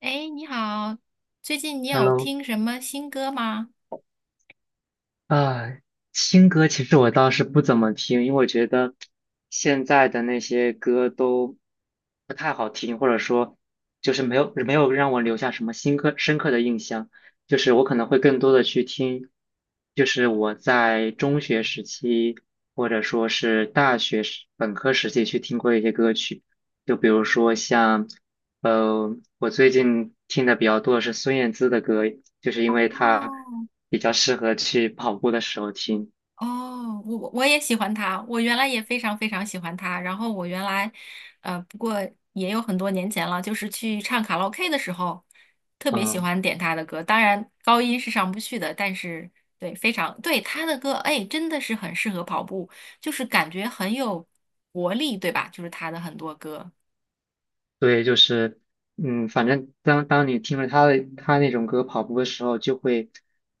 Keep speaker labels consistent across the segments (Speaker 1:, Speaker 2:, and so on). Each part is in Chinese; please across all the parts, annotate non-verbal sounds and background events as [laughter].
Speaker 1: 哎，你好，最近你有
Speaker 2: Hello，
Speaker 1: 听什么新歌吗？
Speaker 2: 啊，新歌其实我倒是不怎么听，因为我觉得现在的那些歌都不太好听，或者说就是没有让我留下什么深刻的印象。就是我可能会更多的去听，就是我在中学时期或者说是大学时本科时期去听过一些歌曲，就比如说像我最近听的比较多的是孙燕姿的歌，就是因为
Speaker 1: 哦。
Speaker 2: 她比较适合去跑步的时候听。
Speaker 1: 哦，我也喜欢他，我原来也非常非常喜欢他。然后我原来，不过也有很多年前了，就是去唱卡拉 OK 的时候，特别喜
Speaker 2: 嗯、
Speaker 1: 欢点他的歌。当然高音是上不去的，但是对，非常对他的歌，哎，真的是很适合跑步，就是感觉很有活力，对吧？就是他的很多歌。
Speaker 2: 对，就是，反正当你听了他那种歌跑步的时候，就会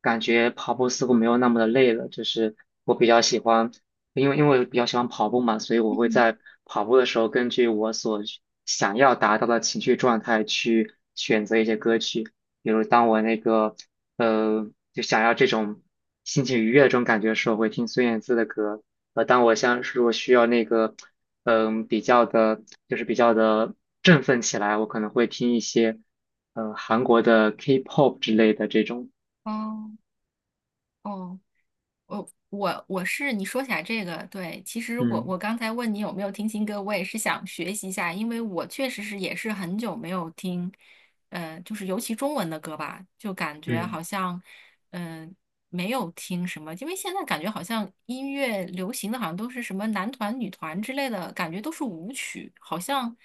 Speaker 2: 感觉跑步似乎没有那么的累了。就是我比较喜欢，因为我比较喜欢跑步嘛，所以我会在跑步的时候，根据我所需想要达到的情绪状态去选择一些歌曲。比如当我那个呃，就想要这种心情愉悦的这种感觉的时候，我会听孙燕姿的歌。当我像是我需要那个。比较的，就是比较的振奋起来，我可能会听一些，韩国的 K-pop 之类的这种。
Speaker 1: 哦。哦。我我是你说起来这个，对，其实我
Speaker 2: 嗯
Speaker 1: 我刚才问你有没有听新歌，我也是想学习一下，因为我确实是也是很久没有听，就是尤其中文的歌吧，就感觉好
Speaker 2: 嗯
Speaker 1: 像，嗯、没有听什么，因为现在感觉好像音乐流行的好像都是什么男团、女团之类的，感觉都是舞曲，好像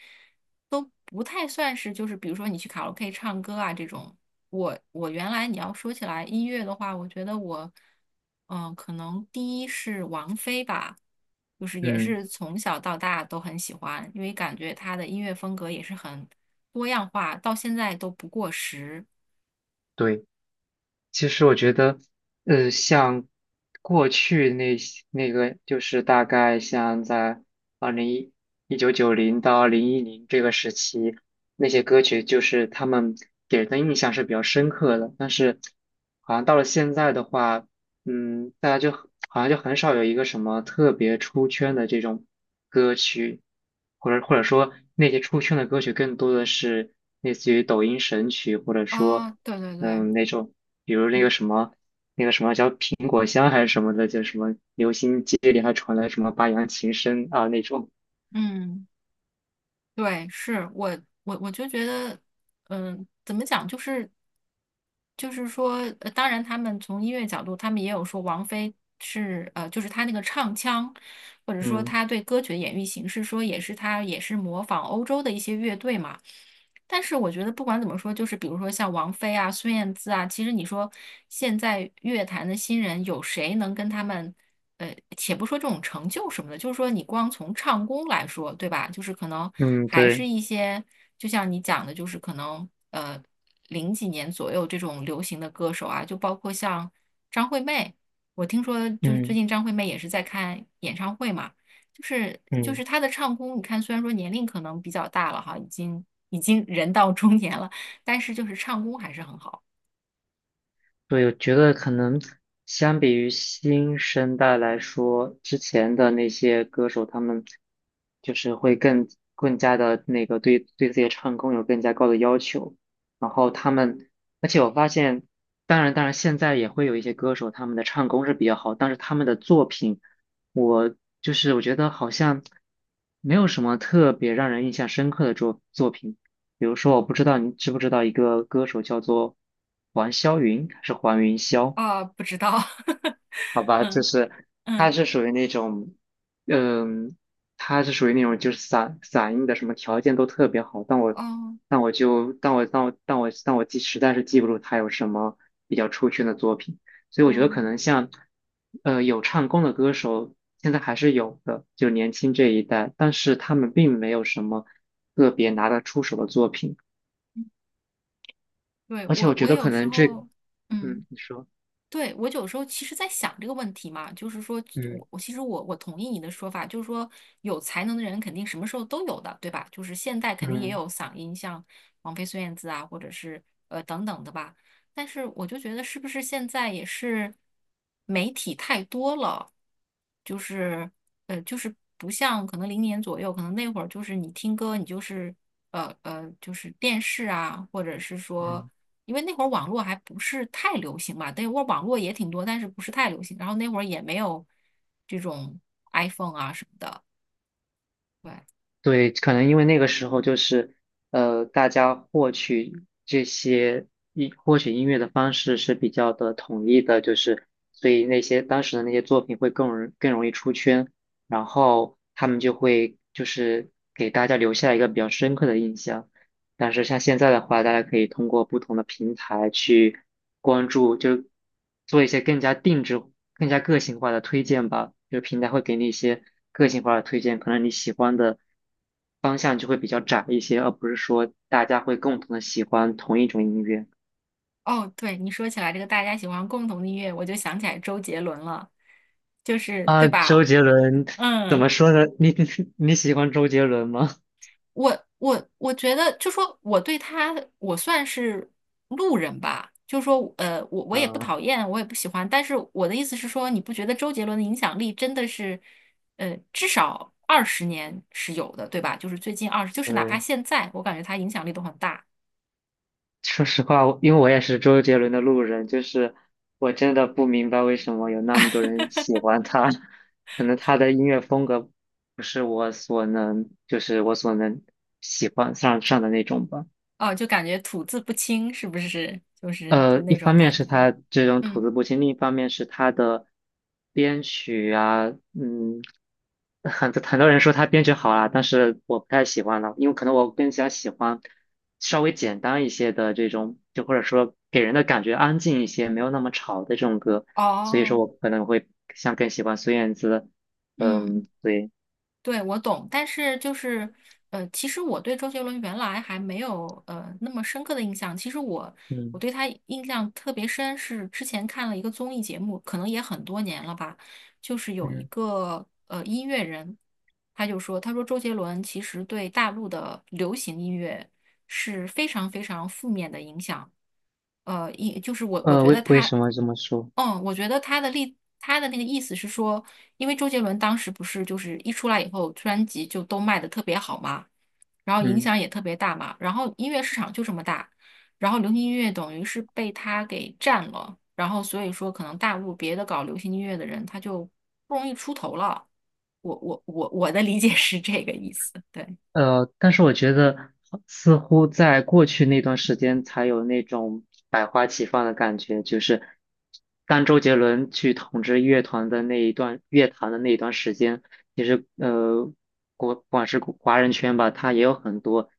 Speaker 1: 都不太算是就是比如说你去卡拉 OK 唱歌啊这种。我我原来你要说起来音乐的话，我觉得我，可能第一是王菲吧，就是也
Speaker 2: 嗯，
Speaker 1: 是从小到大都很喜欢，因为感觉她的音乐风格也是很多样化，到现在都不过时。
Speaker 2: 对。其实我觉得，像过去那些那个，就是大概像在二零一1990到2010这个时期，那些歌曲就是他们给人的印象是比较深刻的。但是，好像到了现在的话。嗯，大家就好像就很少有一个什么特别出圈的这种歌曲，或者说那些出圈的歌曲更多的是类似于抖音神曲，或者说
Speaker 1: 啊、对对对，
Speaker 2: 那种，比如那
Speaker 1: 嗯。
Speaker 2: 个什么那个什么叫苹果香还是什么的，就什么流行街里还传来什么八扬琴声啊那种。
Speaker 1: 嗯对，我就觉得，嗯，怎么讲，就是说，当然他们从音乐角度，他们也有说王菲是就是她那个唱腔，或者说
Speaker 2: 嗯
Speaker 1: 她对歌曲的演绎形式，说也是她也是模仿欧洲的一些乐队嘛。但是我觉得不管怎么说，就是比如说像王菲啊、孙燕姿啊，其实你说现在乐坛的新人有谁能跟他们？且不说这种成就什么的，就是说你光从唱功来说，对吧？就是可能
Speaker 2: 嗯，
Speaker 1: 还
Speaker 2: 对，
Speaker 1: 是一些，就像你讲的，就是可能零几年左右这种流行的歌手啊，就包括像张惠妹，我听说就是最
Speaker 2: 嗯
Speaker 1: 近张惠妹也是在看演唱会嘛，就
Speaker 2: 嗯。
Speaker 1: 是她的唱功，你看虽然说年龄可能比较大了哈，已经已经人到中年了，但是就是唱功还是很好
Speaker 2: 对，我觉得可能相比于新生代来说，之前的那些歌手，他们就是会更加的那个对自己的唱功有更加高的要求。然后他们，而且我发现，当然当然，现在也会有一些歌手，他们的唱功是比较好，但是他们的作品，我就是我觉得好像没有什么特别让人印象深刻的作品。比如说，我不知道你知不知道一个歌手叫做黄霄云，还是黄云霄？
Speaker 1: 啊，不知道，[laughs]
Speaker 2: 好吧，就
Speaker 1: 嗯。
Speaker 2: 是他
Speaker 1: 嗯。
Speaker 2: 是属于那种，嗯，他是属于那种就是嗓音的什么条件都特别好，但我
Speaker 1: 哦。
Speaker 2: 但我就但我但我但我但我记实在是记不住他有什么比较出圈的作品，所以我觉得
Speaker 1: 哦。
Speaker 2: 可能像有唱功的歌手现在还是有的，就年轻这一代，但是他们并没有什么特别拿得出手的作品。
Speaker 1: 对，
Speaker 2: 而且我觉
Speaker 1: 我
Speaker 2: 得可
Speaker 1: 有时
Speaker 2: 能这，
Speaker 1: 候，嗯，
Speaker 2: 嗯，你说，
Speaker 1: 对，我有时候其实在想这个问题嘛，就是说
Speaker 2: 嗯
Speaker 1: 我其实我同意你的说法，就是说有才能的人肯定什么时候都有的，对吧？就是现代肯定也
Speaker 2: 嗯
Speaker 1: 有嗓音，像王菲、孙燕姿啊，或者是呃等等的吧。但是我就觉得是不是现在也是媒体太多了，就是就是不像可能零年左右，可能那会儿就是你听歌，你就是就是电视啊，或者是说，
Speaker 2: 嗯
Speaker 1: 因为那会儿网络还不是太流行吧，那会儿网络也挺多，但是不是太流行，然后那会儿也没有这种 iPhone 啊什么的，对。
Speaker 2: 对，可能因为那个时候就是，大家获取这些音获取音乐的方式是比较的统一的，就是所以那些当时的那些作品会更容易出圈，然后他们就会就是给大家留下一个比较深刻的印象。但是像现在的话，大家可以通过不同的平台去关注，就是做一些更加定制、更加个性化的推荐吧。就是平台会给你一些个性化的推荐，可能你喜欢的方向就会比较窄一些，而不是说大家会共同的喜欢同一种音乐。
Speaker 1: 哦，对，你说起来这个大家喜欢共同的音乐，我就想起来周杰伦了，就是对
Speaker 2: 啊，周
Speaker 1: 吧？
Speaker 2: 杰伦怎
Speaker 1: 嗯。
Speaker 2: 么说呢？你 [laughs] 你喜欢周杰伦吗？
Speaker 1: 我觉得，就说我对他，我算是路人吧。就说我也不讨
Speaker 2: 嗯。
Speaker 1: 厌，我也不喜欢。但是我的意思是说，你不觉得周杰伦的影响力真的是，呃，至少二十年是有的，对吧？就是最近二十，就是哪怕
Speaker 2: 对。
Speaker 1: 现在，我感觉他影响力都很大
Speaker 2: 说实话，因为我也是周杰伦的路人，就是我真的不明白为什么有那么多人喜欢他，[laughs] 可能他的音乐风格不是我所能，就是我所能喜欢上的那种吧。
Speaker 1: 哦，就感觉吐字不清，是不是？就是就
Speaker 2: 呃，一
Speaker 1: 那种
Speaker 2: 方面
Speaker 1: 感
Speaker 2: 是
Speaker 1: 觉。
Speaker 2: 他这种吐
Speaker 1: 嗯。
Speaker 2: 字不清，另一方面是他的编曲啊，嗯，很多很多人说他编曲好啊，但是我不太喜欢了，因为可能我更加喜欢稍微简单一些的这种，就或者说给人的感觉安静一些，没有那么吵的这种歌，所以说我
Speaker 1: 哦。
Speaker 2: 可能会像更喜欢孙燕姿，
Speaker 1: 嗯。
Speaker 2: 嗯，对，
Speaker 1: 对，我懂，但是就是，其实我对周杰伦原来还没有那么深刻的印象。其实我我
Speaker 2: 嗯
Speaker 1: 对他印象特别深，是之前看了一个综艺节目，可能也很多年了吧，就是有一
Speaker 2: 嗯，
Speaker 1: 个音乐人，他就说，他说周杰伦其实对大陆的流行音乐。是非常非常负面的影响。就是我觉得
Speaker 2: 为为
Speaker 1: 他，
Speaker 2: 什么这么说？
Speaker 1: 嗯，我觉得他的那个意思是说，因为周杰伦当时不是就是一出来以后，专辑就都卖的特别好嘛，然后影
Speaker 2: 嗯。
Speaker 1: 响也特别大嘛，然后音乐市场就这么大，然后流行音乐等于是被他给占了，然后所以说可能大陆别的搞流行音乐的人他就不容易出头了。我的理解是这个意思，对。
Speaker 2: 但是我觉得似乎在过去那段时间才有那种百花齐放的感觉，就是当周杰伦去统治乐团的那一段乐坛的那一段时间，其实不管是华人圈吧，他也有很多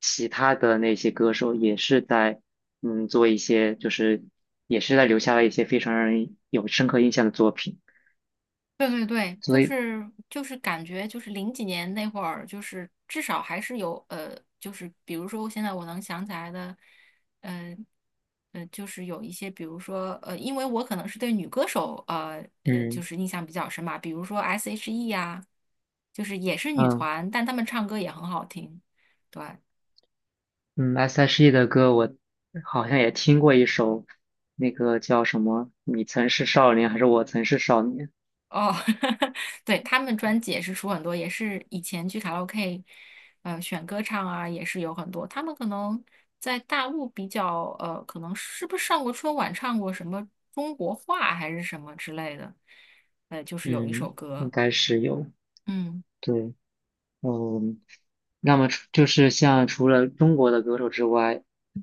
Speaker 2: 其他的那些歌手也是在做一些，就是也是在留下了一些非常让人有深刻印象的作品，
Speaker 1: 对对对，
Speaker 2: 所
Speaker 1: 就
Speaker 2: 以
Speaker 1: 是就是感觉就是零几年那会儿，就是至少还是有就是比如说现在我能想起来的，呃就是有一些，比如说因为我可能是对女歌手就
Speaker 2: 嗯
Speaker 1: 是印象比较深嘛，比如说 S.H.E 呀、就是也是女
Speaker 2: 嗯。
Speaker 1: 团，但她们唱歌也很好听，对。
Speaker 2: 嗯，S.H.E 的歌我好像也听过一首，那个叫什么“你曾是少年”还是“我曾是少年”？
Speaker 1: 哦，[laughs] 对，他们专辑也是出很多，也是以前去卡拉 OK，选歌唱啊，也是有很多。他们可能在大陆比较，可能是不是上过春晚，唱过什么中国话还是什么之类的，就是有一首
Speaker 2: 嗯，应
Speaker 1: 歌，
Speaker 2: 该是有。
Speaker 1: 嗯。
Speaker 2: 对，嗯，那么除就是像除了中国的歌手之外，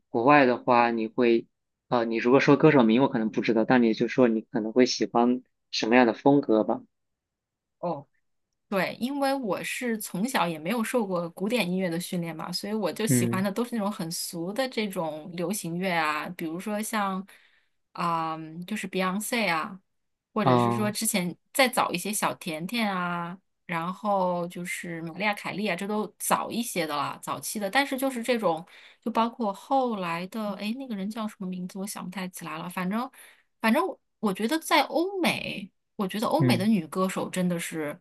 Speaker 2: 国外的话，你会，你如果说歌手名我可能不知道，但你就说你可能会喜欢什么样的风格吧？
Speaker 1: 哦。对，因为我是从小也没有受过古典音乐的训练嘛，所以我就喜欢
Speaker 2: 嗯，
Speaker 1: 的都是那种很俗的这种流行乐啊，比如说像，啊、就是 Beyonce 啊，或者是说
Speaker 2: 啊、
Speaker 1: 之前再早一些小甜甜啊，然后就是玛丽亚凯莉啊，这都早一些的啦，早期的。但是就是这种，就包括后来的，哎，那个人叫什么名字，我想不太起来了，反正我觉得在欧美。我觉得欧美的
Speaker 2: 嗯。
Speaker 1: 女歌手真的是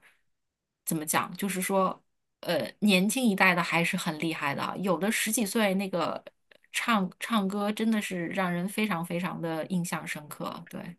Speaker 1: 怎么讲，就是说，年轻一代的还是很厉害的啊有的十几岁那个唱歌真的是让人非常非常的印象深刻。对，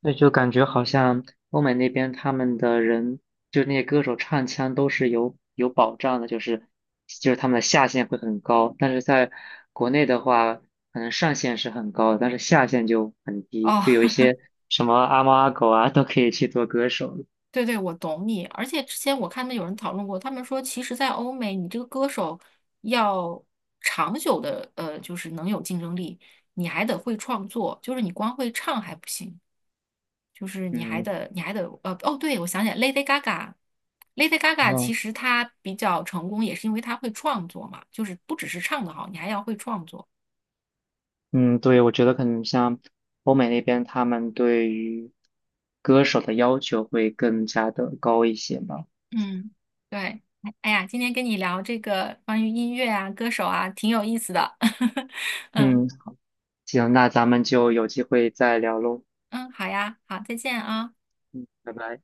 Speaker 2: 那就感觉好像欧美那边他们的人，就那些歌手唱腔都是有保障的，就是就是他们的下限会很高，但是在国内的话，可能上限是很高的，但是下限就很低，
Speaker 1: 哦，
Speaker 2: 就有一些
Speaker 1: [laughs]
Speaker 2: 什么阿猫阿狗啊都可以去做歌手。
Speaker 1: 对对，我懂你。而且之前我看到有人讨论过，他们说，其实，在欧美，你这个歌手要长久的，就是能有竞争力，你还得会创作，就是你光会唱还不行。就是
Speaker 2: 嗯
Speaker 1: 你还得哦，对，我想起来，Lady Gaga。Lady Gaga 其
Speaker 2: 嗯，
Speaker 1: 实她比较成功，也是因为她会创作嘛，就是不只是唱得好，你还要会创作。
Speaker 2: 嗯，对，我觉得可能像欧美那边，他们对于歌手的要求会更加的高一些吧。
Speaker 1: 嗯，对，哎哎呀，今天跟你聊这个关于音乐啊、歌手啊，挺有意思的。[laughs] 嗯。
Speaker 2: 嗯，行，那咱们就有机会再聊喽。
Speaker 1: 嗯，好呀，好，再见啊。
Speaker 2: 拜拜。